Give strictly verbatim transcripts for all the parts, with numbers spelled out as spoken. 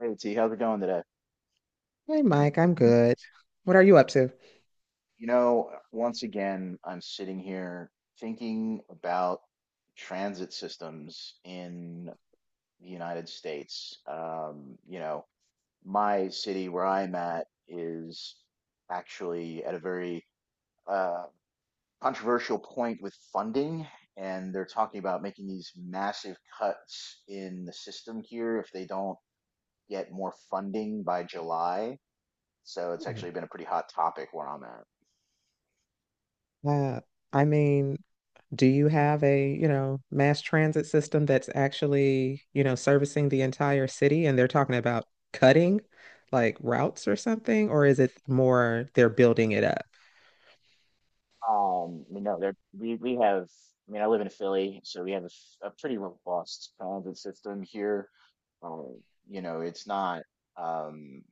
Hey T, how's it going today? Hey Mike, I'm good. What are you up to? You know, uh, once again, I'm sitting here thinking about transit systems in the United States. Um, you know, my city where I'm at is actually at a very uh, controversial point with funding, and they're talking about making these massive cuts in the system here if they don't get more funding by July. So it's Mm. actually been a pretty hot topic where I'm at. Uh, I mean, do you have a, you know, mass transit system that's actually, you know, servicing the entire city and they're talking about cutting like routes or something, or is it more they're building it up? Um, you know, there we we have. I mean, I live in Philly, so we have a, s- a pretty robust transit system here. Um, you know, it's not um,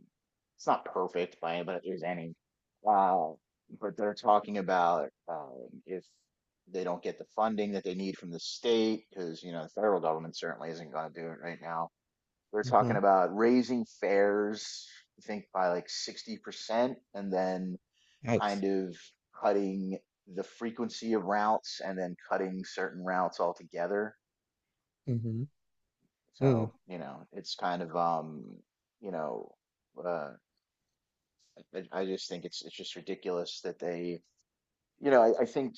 it's not perfect by any, but there's any. Uh, but they're talking about, um, if they don't get the funding that they need from the state, because you know, the federal government certainly isn't going to do it right now. They're talking Mm-hmm. about raising fares, I think, by like sixty percent, and then Yikes. kind of cutting the frequency of routes and then cutting certain routes altogether. Mm-hmm. Mm. So, you know, it's kind of um, you know, uh, I, I just think it's it's just ridiculous that they, you know, I, I think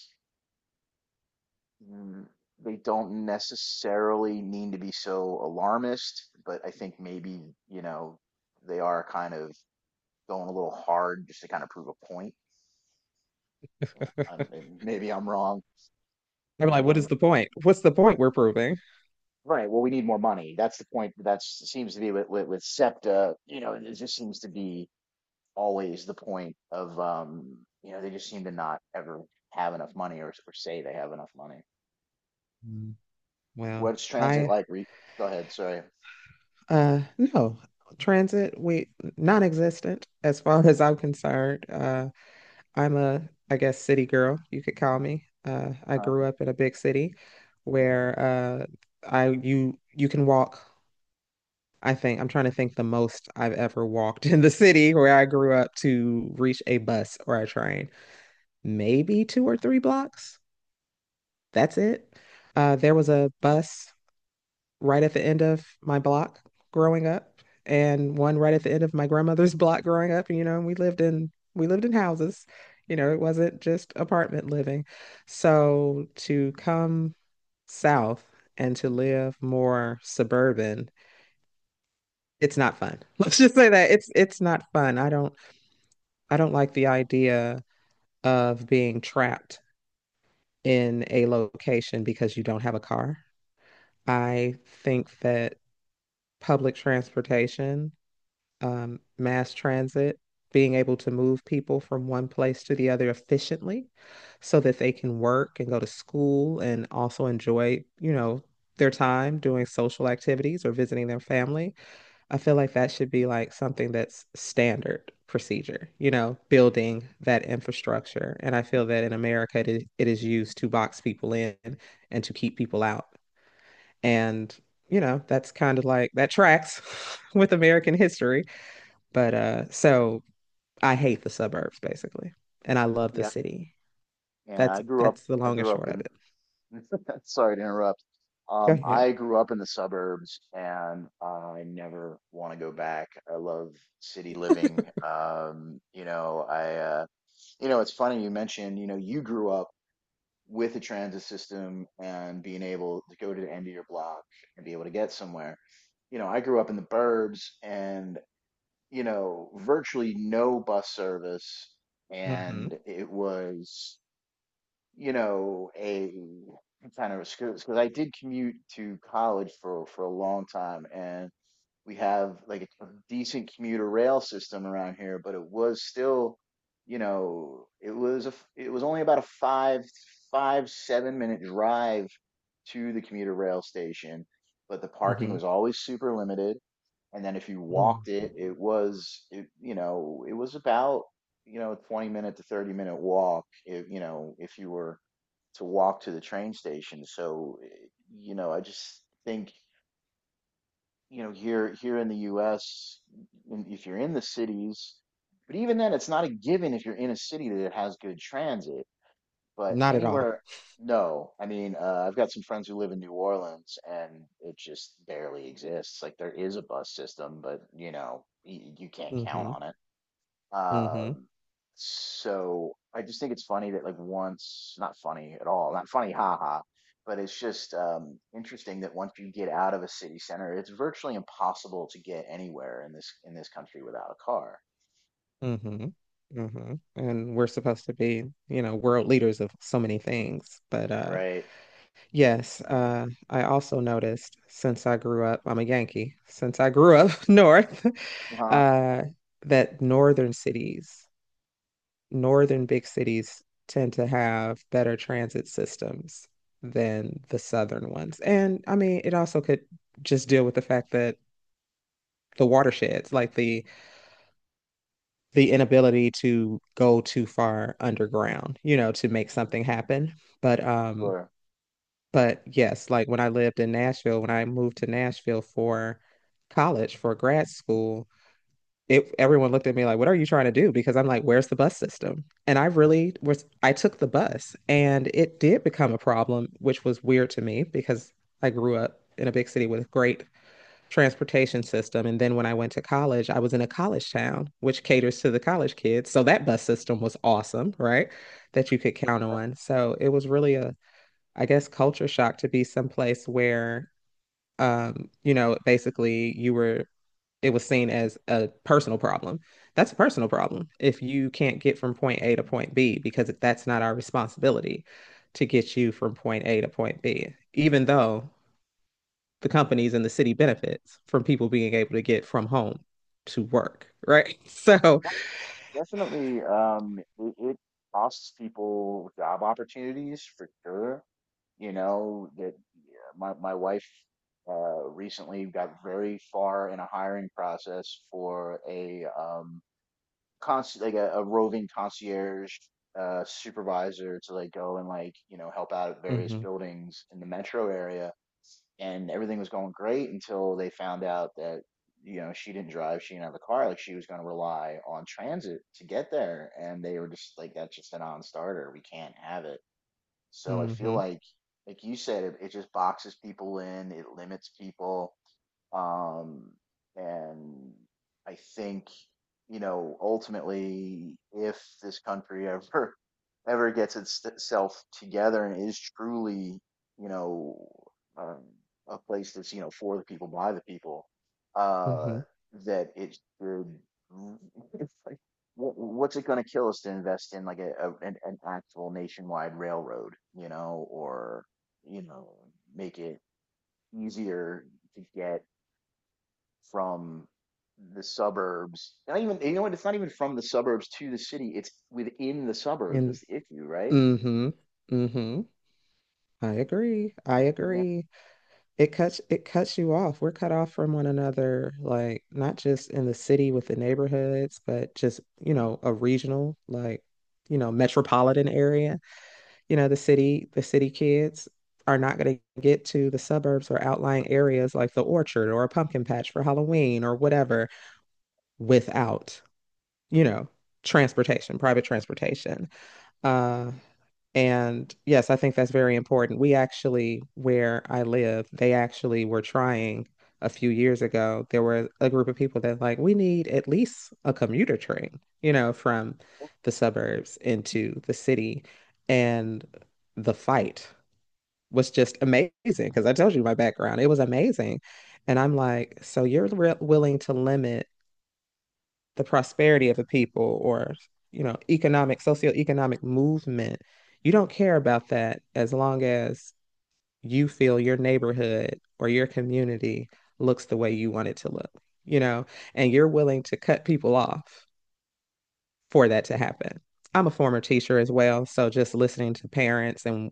mm, they don't necessarily need to be so alarmist, but I think maybe, you know, they are kind of going a little hard just to kind of prove a point. I'm, Maybe I'm wrong. I'm like, what is the point? What's the point we're proving? Right. Well, we need more money. That's the point. That seems to be with with, with SEPTA. You know, it just seems to be always the point of, um, you know, they just seem to not ever have enough money, or, or say they have enough money. Mm. Well, What's transit I like? Re- Go ahead. Sorry. uh no. Transit, we non-existent as far as I'm concerned. Uh I'm a, I guess, city girl, you could call me. Uh, I Uh, grew up in a big city where uh, I you you can walk. I think I'm trying to think the most I've ever walked in the city where I grew up to reach a bus or a train, maybe two or three blocks. That's it. Uh, there was a bus right at the end of my block growing up and one right at the end of my grandmother's block growing up. You know, and we lived in we lived in houses. You know, it wasn't just apartment living. So to come south and to live more suburban, it's not fun. Let's just say that it's it's not fun. I don't I don't like the idea of being trapped in a location because you don't have a car. I think that public transportation, um, mass transit, being able to move people from one place to the other efficiently so that they can work and go to school and also enjoy, you know, their time doing social activities or visiting their family. I feel like that should be like something that's standard procedure, you know, building that infrastructure. And I feel that in America, it is, it is used to box people in and to keep people out. And, you know, that's kind of like that tracks with American history. But uh, so I hate the suburbs basically, and I love the yeah. city. Yeah. That's I grew up. that's the I long and grew up short of in. it. Sorry to interrupt. Go Um, ahead. I grew up in the suburbs, and I never want to go back. I love city living. Um, you know, I. Uh, You know, it's funny you mentioned, you know, you grew up with a transit system and being able to go to the end of your block and be able to get somewhere. You know, I grew up in the burbs and, you know, virtually no bus service. Hmm. And it was, you know, a kind of a, because I did commute to college for for a long time, and we have like a decent commuter rail system around here, but it was still, you know, it was a, it was only about a five five seven minute drive to the commuter rail station, but the parking Hmm. was always super limited. And then if you walked Mm. it, it was it, you know, it was about, you know, twenty minute to thirty minute walk if, you know, if you were to walk to the train station. So, eh, you know, I just think, you know, here here in the U S, if you're in the cities, but even then it's not a given if you're in a city that has good transit, but Not at all. anywhere. No, I mean, uh, I've got some friends who live in New Orleans, and it just barely exists. Like, there is a bus system, but you know, y- you can't count Hmm. on it. Hmm. um, so I just think it's funny that, like, once, not funny at all, not funny, haha, but it's just, um, interesting that once you get out of a city center, it's virtually impossible to get anywhere in this in this country without a car, Hmm. Hmm. And we're supposed to be, you know, world leaders of so many things. But uh right? yes, uh I also noticed since I grew up, I'm a Yankee, since I grew up north, Uh-huh. uh that northern cities northern big cities tend to have better transit systems than the southern ones. And I mean, it also could just deal with the fact that the watersheds, like the the inability to go too far underground, you know, to make something happen. But um Sure. but yes, like when I lived in Nashville, when I moved to Nashville for college, for grad school, it everyone looked at me like, what are you trying to do? Because I'm like, where's the bus system? And I really was I took the bus and it did become a problem, which was weird to me because I grew up in a big city with a great transportation system. And then when I went to college, I was in a college town, which caters to the college kids. So that bus system was awesome, right? That you could count on. So it was really a, I guess, culture shock to be someplace where, um, you know, basically you were it was seen as a personal problem. That's a personal problem if you can't get from point A to point B, because that's not our responsibility to get you from point A to point B, even though the companies and the city benefits from people being able to get from home to work, right? So, Definitely, um, it, it costs people job opportunities for sure. You know, that, yeah, my my wife uh recently got very far in a hiring process for a, um cons, like a, a roving concierge uh supervisor, to like go and like, you know, help out at mm various hmm buildings in the metro area, and everything was going great until they found out that, you know, she didn't drive, she didn't have a car, like she was going to rely on transit to get there, and they were just like, that's just a non-starter, we can't have it. So I mm feel hmm like like you said, it, it just boxes people in, it limits people. um and I think, you know, ultimately, if this country ever ever gets itself together and is truly, you know, um, a place that's, you know, for the people by the people, mm uh, hmm that it should. It's like, wh- what's it going to kill us to invest in like a, a an, an actual nationwide railroad, you know, or you know, make it easier to get from the suburbs. Not even, you know what? It's not even from the suburbs to the city. It's within the suburbs. and That's the issue, right? mm hmm mm hmm I agree. I Yeah, agree. It cuts it cuts you off. We're cut off from one another, like not just in the city with the neighborhoods, but just, you know, a regional, like, you know, metropolitan area. You know, the city, the city kids are not going to get to the suburbs or outlying areas like the orchard or a pumpkin patch for Halloween or whatever without, you know, transportation, private transportation. Uh, and yes, I think that's very important. We actually, where I live, they actually were trying a few years ago. There were a group of people that like, we need at least a commuter train, you know, from the suburbs into the city. And the fight was just amazing because I told you my background. It was amazing. And I'm like, so you're re willing to limit the prosperity of a people, or, you know, economic socioeconomic movement, you don't care about that as long as you feel your neighborhood or your community looks the way you want it to look, you know, and you're willing to cut people off for that to happen. I'm a former teacher as well, so just listening to parents and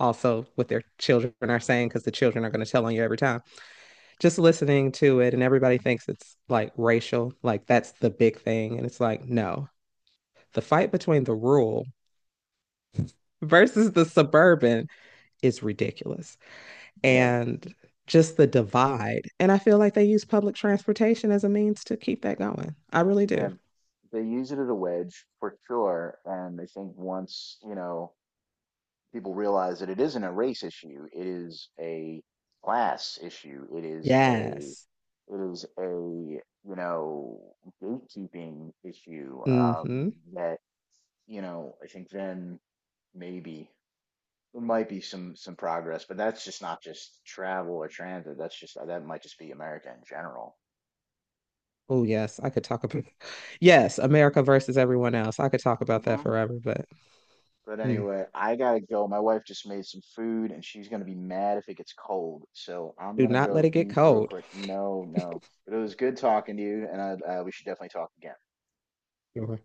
also what their children are saying, because the children are going to tell on you every time, just listening to it, and everybody thinks it's like racial, like that's the big thing, and it's like, no, the fight between the rural versus the suburban is ridiculous. yeah, And just the divide. And I feel like they use public transportation as a means to keep that going. I really do. yeah. They use it as a wedge for sure, and I think once, you know, people realize that it isn't a race issue, it is a class issue. It is a Yes. It is a, you know, gatekeeping issue, um, Mm-hmm. that, you know, I think then maybe there might be some some progress, but that's just not just travel or transit. That's just, uh, that might just be America in general. Oh, yes. I could talk about, yes, America versus everyone else. I could talk about that hmm forever, but But mm, anyway, I gotta go. My wife just made some food, and she's gonna be mad if it gets cold. So I'm do gonna not let go it get eat real cold. quick. No, no. But it was good talking to you, and I, uh, we should definitely talk again. Sure.